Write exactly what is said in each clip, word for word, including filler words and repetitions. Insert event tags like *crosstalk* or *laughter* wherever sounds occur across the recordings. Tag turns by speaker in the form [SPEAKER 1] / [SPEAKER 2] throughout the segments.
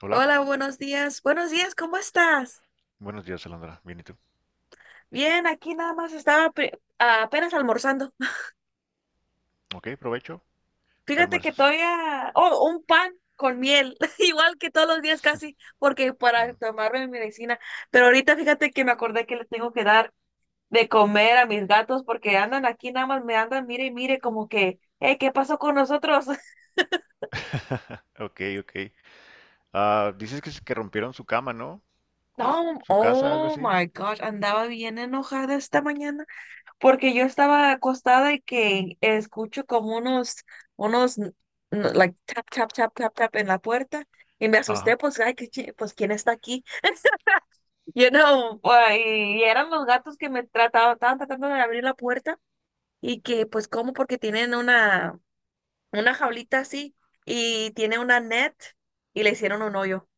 [SPEAKER 1] Hola,
[SPEAKER 2] Hola, buenos días. Buenos días, ¿cómo estás?
[SPEAKER 1] buenos días, Alondra. Bien, ¿y tú?
[SPEAKER 2] Bien, aquí nada más estaba pri- apenas almorzando. *laughs*
[SPEAKER 1] Ok, provecho. ¿Qué
[SPEAKER 2] Fíjate que
[SPEAKER 1] almuerzas?
[SPEAKER 2] todavía... Oh, un pan con miel, *laughs* igual que todos los días
[SPEAKER 1] *laughs*
[SPEAKER 2] casi, porque para
[SPEAKER 1] Mm.
[SPEAKER 2] tomarme mi medicina. Pero ahorita fíjate que me acordé que le tengo que dar de comer a mis gatos porque andan aquí nada más, me andan, mire y mire, como que, eh, ¿qué pasó con nosotros? *laughs*
[SPEAKER 1] *laughs* Ok, ok. Ah, dices que, s- que rompieron su cama, ¿no?
[SPEAKER 2] No,
[SPEAKER 1] Su casa, algo
[SPEAKER 2] oh
[SPEAKER 1] así.
[SPEAKER 2] my gosh, andaba bien enojada esta mañana. Porque yo estaba acostada y que escucho como unos, unos, n- n- like, tap, tap, tap, tap, tap en la puerta. Y me
[SPEAKER 1] Ajá.
[SPEAKER 2] asusté, pues, ay, qué chi- pues, ¿quién está aquí? *laughs* You know, pues, y eran los gatos que me trataban, estaban tratando de abrir la puerta y que, pues, cómo porque tienen una, una, jaulita así y tiene una net y le hicieron un hoyo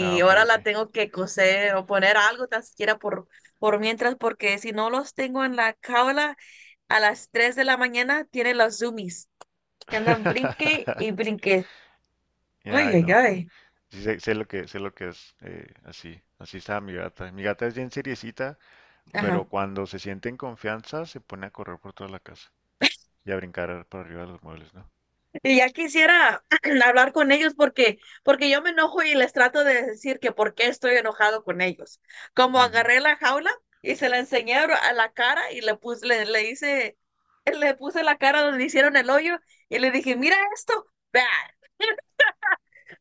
[SPEAKER 1] Ah, ok,
[SPEAKER 2] ahora
[SPEAKER 1] ok.
[SPEAKER 2] la tengo que coser o poner algo tan siquiera por, por mientras, porque si no los tengo en la jaula a las tres de la mañana, tienen los zoomies que andan brinque y
[SPEAKER 1] *laughs*
[SPEAKER 2] brinque.
[SPEAKER 1] Ya,
[SPEAKER 2] Ay,
[SPEAKER 1] ay,
[SPEAKER 2] ay,
[SPEAKER 1] no.
[SPEAKER 2] ay.
[SPEAKER 1] Sí, sé, sé lo que, sé lo que es. Eh, así, así está mi gata. Mi gata es bien seriecita, pero
[SPEAKER 2] Ajá.
[SPEAKER 1] cuando se siente en confianza se pone a correr por toda la casa y a brincar por arriba de los muebles, ¿no?
[SPEAKER 2] Y ya quisiera *clears throat* hablar con ellos porque, porque yo me enojo y les trato de decir que por qué estoy enojado con ellos. Como
[SPEAKER 1] Ujú.
[SPEAKER 2] agarré la jaula y se la enseñé a la cara y le puse, le, le hice, *laughs* le puse la cara donde hicieron el hoyo y le dije, mira esto, vea,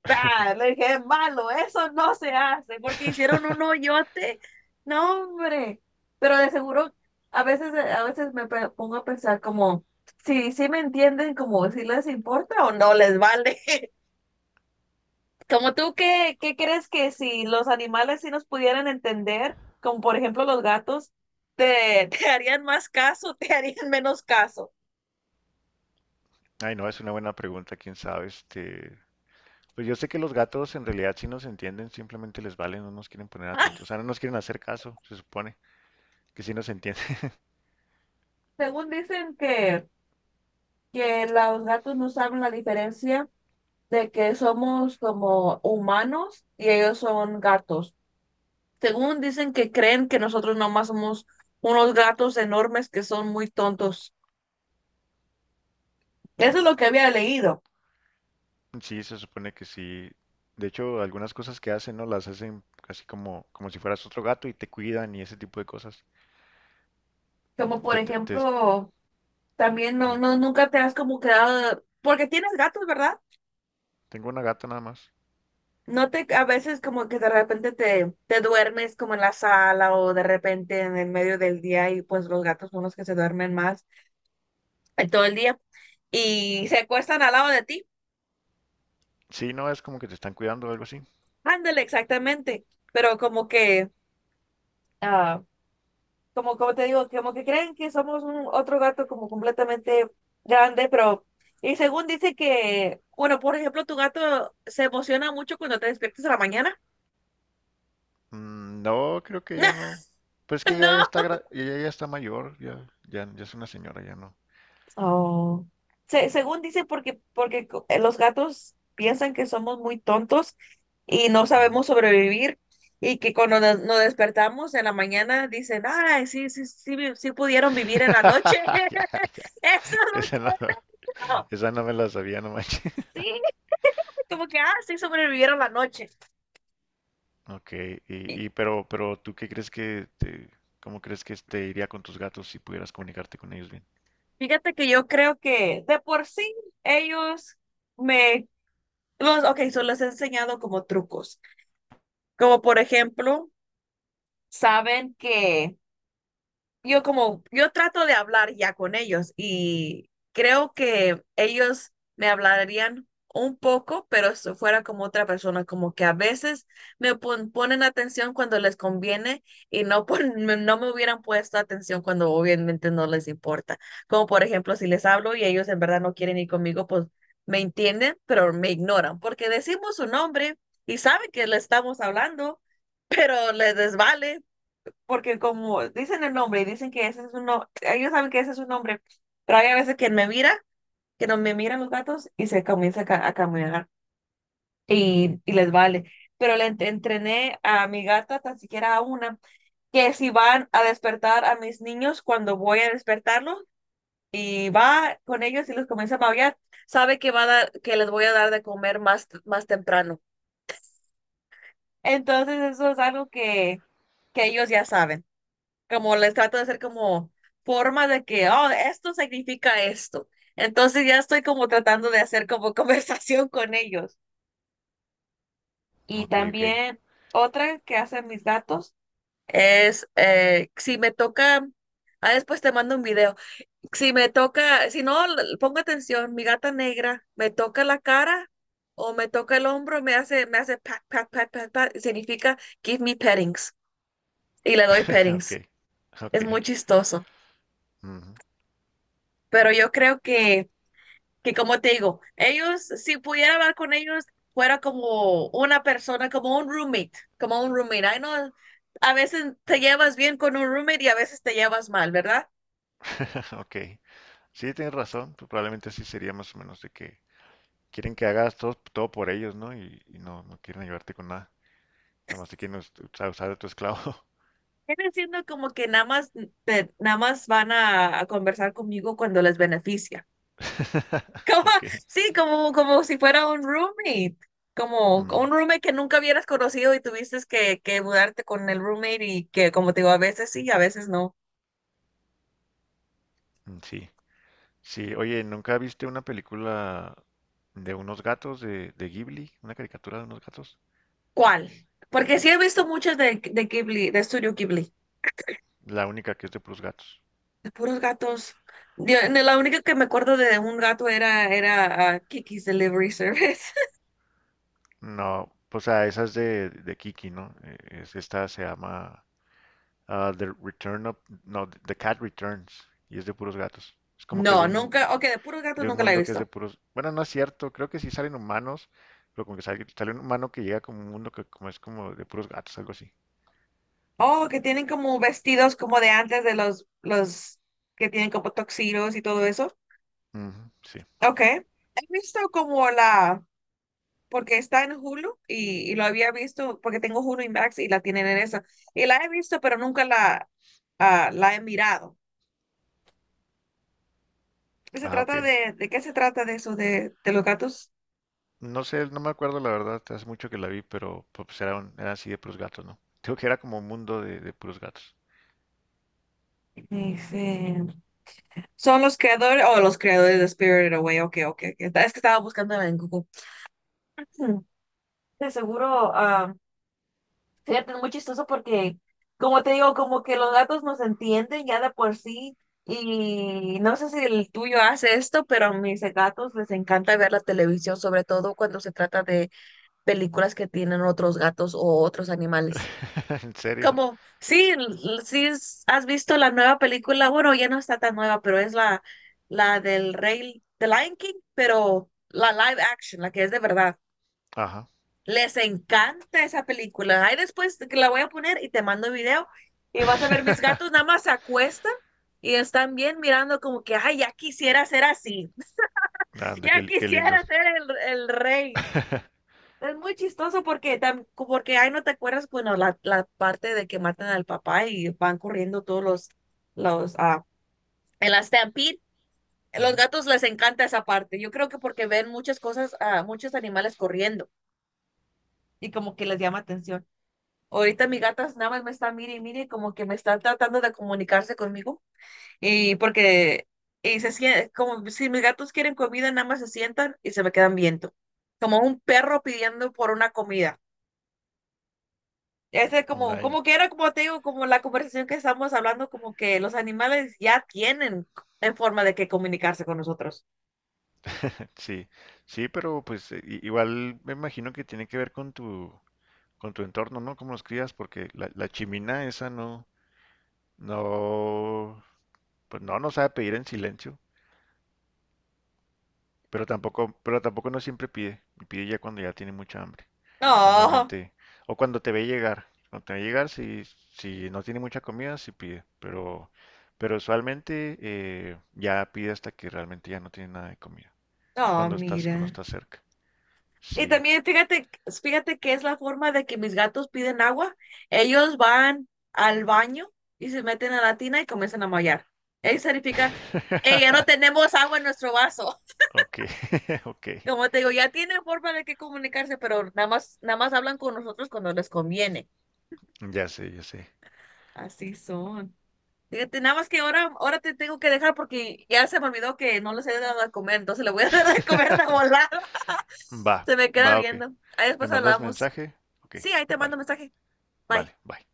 [SPEAKER 2] bah. Le dije, es malo, eso no se hace, porque hicieron un
[SPEAKER 1] *laughs*
[SPEAKER 2] hoyote. No, hombre. Pero de seguro, a veces, a veces me pe- pongo a pensar como, si sí me entienden, como si les importa o no les vale. *laughs* Como tú, ¿qué, qué crees que si los animales sí nos pudieran entender, como por ejemplo los gatos, te, *laughs* te harían más caso, te harían menos caso?
[SPEAKER 1] Ay, no, es una buena pregunta, quién sabe, este, pues yo sé que los gatos en realidad sí nos entienden, simplemente les vale, no nos quieren poner atención, o sea,
[SPEAKER 2] *laughs*
[SPEAKER 1] no nos quieren hacer caso, se supone que sí nos entienden. *laughs*
[SPEAKER 2] Según dicen que, que, los gatos no saben la diferencia de que somos como humanos y ellos son gatos. Según dicen que creen que nosotros nomás somos unos gatos enormes que son muy tontos. Eso es lo que había leído.
[SPEAKER 1] Sí, se supone que sí. De hecho, algunas cosas que hacen, ¿no? Las hacen casi como, como si fueras otro gato y te cuidan y ese tipo de cosas.
[SPEAKER 2] Como por
[SPEAKER 1] Te- te- te-
[SPEAKER 2] ejemplo, también no,
[SPEAKER 1] mm,
[SPEAKER 2] no, nunca te has como quedado, porque tienes gatos, ¿verdad?
[SPEAKER 1] tengo una gata nada más.
[SPEAKER 2] No te, a veces como que de repente te, te duermes como en la sala o de repente en el medio del día y pues los gatos son los que se duermen más en todo el día y se acuestan al lado de ti.
[SPEAKER 1] Sí, no, es como que te están cuidando o algo así.
[SPEAKER 2] Ándale, exactamente. Pero como que, ah, como, como te digo, como que creen que somos un otro gato como completamente grande, pero, y según dice que, bueno, por ejemplo, tu gato se emociona mucho cuando te despiertas a la mañana.
[SPEAKER 1] Mm, no, creo que ella
[SPEAKER 2] *laughs*
[SPEAKER 1] no. Pues que ella ya
[SPEAKER 2] No,
[SPEAKER 1] está, gra- ella ya está mayor, ya, ya, ya es una señora, ya no.
[SPEAKER 2] oh. Se- según dicen, porque, porque co- eh, los gatos piensan que somos muy tontos y no
[SPEAKER 1] Ujú.
[SPEAKER 2] sabemos sobrevivir y que cuando nos, nos despertamos en la mañana dicen, ay, sí, sí, sí, vi- sí pudieron vivir en la noche.
[SPEAKER 1] *laughs* Ya,
[SPEAKER 2] *laughs*
[SPEAKER 1] ya,
[SPEAKER 2] Eso es lo que...
[SPEAKER 1] esa no. No.
[SPEAKER 2] no,
[SPEAKER 1] Esa no me la sabía, no manches. *laughs*
[SPEAKER 2] sí, *laughs* como que, ah, sí sobrevivieron la noche.
[SPEAKER 1] Ok,
[SPEAKER 2] Y
[SPEAKER 1] y, y pero, pero ¿tú qué crees que te, cómo crees que te iría con tus gatos si pudieras comunicarte con ellos bien?
[SPEAKER 2] fíjate que yo creo que de por sí ellos me... Los, ok, so les he enseñado como trucos, como por ejemplo, saben que... yo como, yo trato de hablar ya con ellos y creo que ellos me hablarían un poco, pero si fuera como otra persona, como que a veces me pon- ponen atención cuando les conviene y no, pon- *laughs* me- no me hubieran puesto atención cuando obviamente no les importa. Como por ejemplo, si les hablo y ellos en verdad no quieren ir conmigo, pues me entienden, pero me ignoran porque decimos su nombre y saben que le estamos hablando, pero les desvale porque como dicen el nombre y dicen que ese es un nombre, ellos saben que ese es un nombre, pero hay a veces que me mira, que no me miran los gatos y se comienza a, ca- a caminar y, y les vale. Pero le ent- entrené a mi gata, tan siquiera a una, que si van a despertar a mis niños cuando voy a despertarlos y va con ellos y los comienza a maullar, sabe que va a dar, que les voy a dar de comer más, más temprano. Entonces eso es algo que, que ellos ya saben. Como les trato de hacer como forma de que, oh, esto significa esto. Entonces ya estoy como tratando de hacer como *laughs* conversación con ellos. Y
[SPEAKER 1] Ok, ok,
[SPEAKER 2] también otra que hacen mis gatos es, eh, si me toca, ah, después te mando un video, si me toca, si no, l- pongo atención, mi gata negra me toca la cara o me toca el hombro, me hace, me hace pat, pat, pat, pat, pat, significa give me pettings y le doy
[SPEAKER 1] *laughs* ok,
[SPEAKER 2] pettings.
[SPEAKER 1] ok,
[SPEAKER 2] Es muy chistoso.
[SPEAKER 1] ujú,
[SPEAKER 2] Pero yo creo que que como te digo, ellos, si pudiera hablar con ellos, fuera como una persona, como un roommate, como un roommate. Ay, no, a veces te llevas bien con un roommate y a veces te llevas mal, ¿verdad?
[SPEAKER 1] *laughs* ok. Sí, tienes razón, pues probablemente así sería más o menos de que quieren que hagas todo, todo por ellos, ¿no? Y, y no, no quieren ayudarte con nada, nada más te quieren us- usar, usar de tu esclavo.
[SPEAKER 2] Viene siendo como que nada más, te- nada más van a, a conversar conmigo cuando les beneficia. *laughs*
[SPEAKER 1] *laughs*
[SPEAKER 2] Como,
[SPEAKER 1] Ok,
[SPEAKER 2] sí, como, como si fuera un roommate, como un
[SPEAKER 1] ujú,
[SPEAKER 2] roommate que nunca hubieras conocido y tuviste que, que mudarte con el roommate y que, como te digo, a veces sí, a veces no.
[SPEAKER 1] mm, sí. Sí, oye, ¿nunca viste una película de unos gatos de, de Ghibli, una caricatura de unos gatos?
[SPEAKER 2] ¿Cuál? Porque sí he visto muchas de, de Ghibli, de Studio Ghibli,
[SPEAKER 1] La única que es de puros gatos.
[SPEAKER 2] de puros gatos. Yo- no, la única que me acuerdo de un gato era, era ah, Kiki's Delivery Service. *laughs*
[SPEAKER 1] No, o sea, esa es de, de Kiki, ¿no? Eh, es- esta se llama ah, The Return of, no, The Cat Returns, y es de puros gatos. Es como que de
[SPEAKER 2] No,
[SPEAKER 1] un,
[SPEAKER 2] nunca, ok, de puros gatos
[SPEAKER 1] de un
[SPEAKER 2] nunca la he
[SPEAKER 1] mundo que es de
[SPEAKER 2] visto.
[SPEAKER 1] puros, bueno, no es cierto, creo que sí salen humanos, pero como que sale, sale un humano que llega como un mundo que como es como de puros gatos, algo así.
[SPEAKER 2] Oh, que tienen como vestidos como de antes de los, los que tienen como tuxedos y todo eso.
[SPEAKER 1] Ujú, sí.
[SPEAKER 2] Ok. He visto como la, porque está en Hulu y, y lo había visto porque tengo Hulu y Max y la tienen en eso. Y la he visto, pero nunca la, ah, la he mirado. Se
[SPEAKER 1] Ah,
[SPEAKER 2] trata
[SPEAKER 1] ok.
[SPEAKER 2] de, ¿de qué se trata de eso de, de los gatos?
[SPEAKER 1] No sé, no me acuerdo la verdad, hace mucho que la vi, pero pues pues, era, un- era así de puros gatos, ¿no? *laughs* Digo que era como un mundo de, de puros gatos.
[SPEAKER 2] Dice, son los creadores, o oh, los creadores de Spirited Away, ok, ok, ok. Es que estaba buscando en Google. Hmm, de seguro, ah, fíjate, es muy chistoso porque, como te digo, como que los gatos nos entienden ya de por sí, y no sé si el tuyo hace esto, pero a mis gatos les encanta ver la televisión, sobre todo cuando se trata de películas que tienen otros gatos o otros animales.
[SPEAKER 1] *laughs* ¿En serio?
[SPEAKER 2] Como, sí, l- sí, es- has visto la nueva película, bueno, ya no está tan nueva, pero es la, la, del Rey, de Lion King, pero la live action, la que es de verdad.
[SPEAKER 1] Ajá.
[SPEAKER 2] Les encanta esa película. Ahí después te- que la voy a poner y te mando el video y vas a ver mis
[SPEAKER 1] *laughs*
[SPEAKER 2] gatos nada más se acuestan y están bien mirando como que, ay, ya quisiera ser así, *laughs*
[SPEAKER 1] Anda, qué,
[SPEAKER 2] ya
[SPEAKER 1] li- qué lindos.
[SPEAKER 2] quisiera ser el, el rey.
[SPEAKER 1] *laughs*
[SPEAKER 2] Es muy chistoso porque, tam- porque ahí no te acuerdas, bueno, la, la parte de que matan al papá y van corriendo todos los, los, ah, en la stampede, los gatos les encanta esa parte. Yo creo que porque ven muchas cosas, ah, muchos animales corriendo y como que les llama atención. Ahorita mi gata nada más me está mire y mire, como que me está tratando de comunicarse conmigo y porque, y se sien- como si mis gatos quieren comida, nada más se sientan y se me quedan viendo, como un perro pidiendo por una comida. Ese
[SPEAKER 1] Ujú.
[SPEAKER 2] como,
[SPEAKER 1] Ay, no.
[SPEAKER 2] como que era, como te digo, como la conversación que estamos hablando, como que los animales ya tienen en forma de que comunicarse con nosotros.
[SPEAKER 1] *laughs* Sí, sí, pero pues eh, i- igual me imagino que tiene que ver con tu, con tu entorno, ¿no? Cómo los crías, porque la, la chimina esa no, no, pues no, no sabe pedir en silencio. Pero tampoco, pero tampoco no siempre pide. Pide ya cuando ya tiene mucha hambre.
[SPEAKER 2] No,
[SPEAKER 1] Normalmente. O cuando te ve llegar. Cuando te ve llegar, si, si no tiene mucha comida, sí pide. Pero, pero usualmente eh, ya pide hasta que realmente ya no tiene nada de comida.
[SPEAKER 2] no,
[SPEAKER 1] Cuando estás, cuando
[SPEAKER 2] mira.
[SPEAKER 1] estás cerca.
[SPEAKER 2] Y
[SPEAKER 1] Sí. *laughs*
[SPEAKER 2] también fíjate, fíjate que es la forma de que mis gatos piden agua. Ellos van al baño y se meten a la tina y comienzan a maullar. Eso significa, hey, ya no tenemos agua en nuestro vaso.
[SPEAKER 1] Ok, *laughs* ok.
[SPEAKER 2] *laughs* Como te digo, ya tienen forma de que comunicarse, pero nada más, nada más hablan con nosotros cuando les conviene.
[SPEAKER 1] Ya sé, ya sé.
[SPEAKER 2] Así son. Fíjate, nada más que ahora, ahora te tengo que dejar porque ya se me olvidó que no les he dado de comer, entonces le voy a *laughs* dar de comer de
[SPEAKER 1] *laughs*
[SPEAKER 2] volada.
[SPEAKER 1] Va,
[SPEAKER 2] Se me queda
[SPEAKER 1] va, ok.
[SPEAKER 2] viendo. Ahí
[SPEAKER 1] ¿Me
[SPEAKER 2] después
[SPEAKER 1] mandas
[SPEAKER 2] hablamos.
[SPEAKER 1] mensaje? Ok,
[SPEAKER 2] Sí, ahí te
[SPEAKER 1] vale,
[SPEAKER 2] mando mensaje. Bye.
[SPEAKER 1] vale, bye.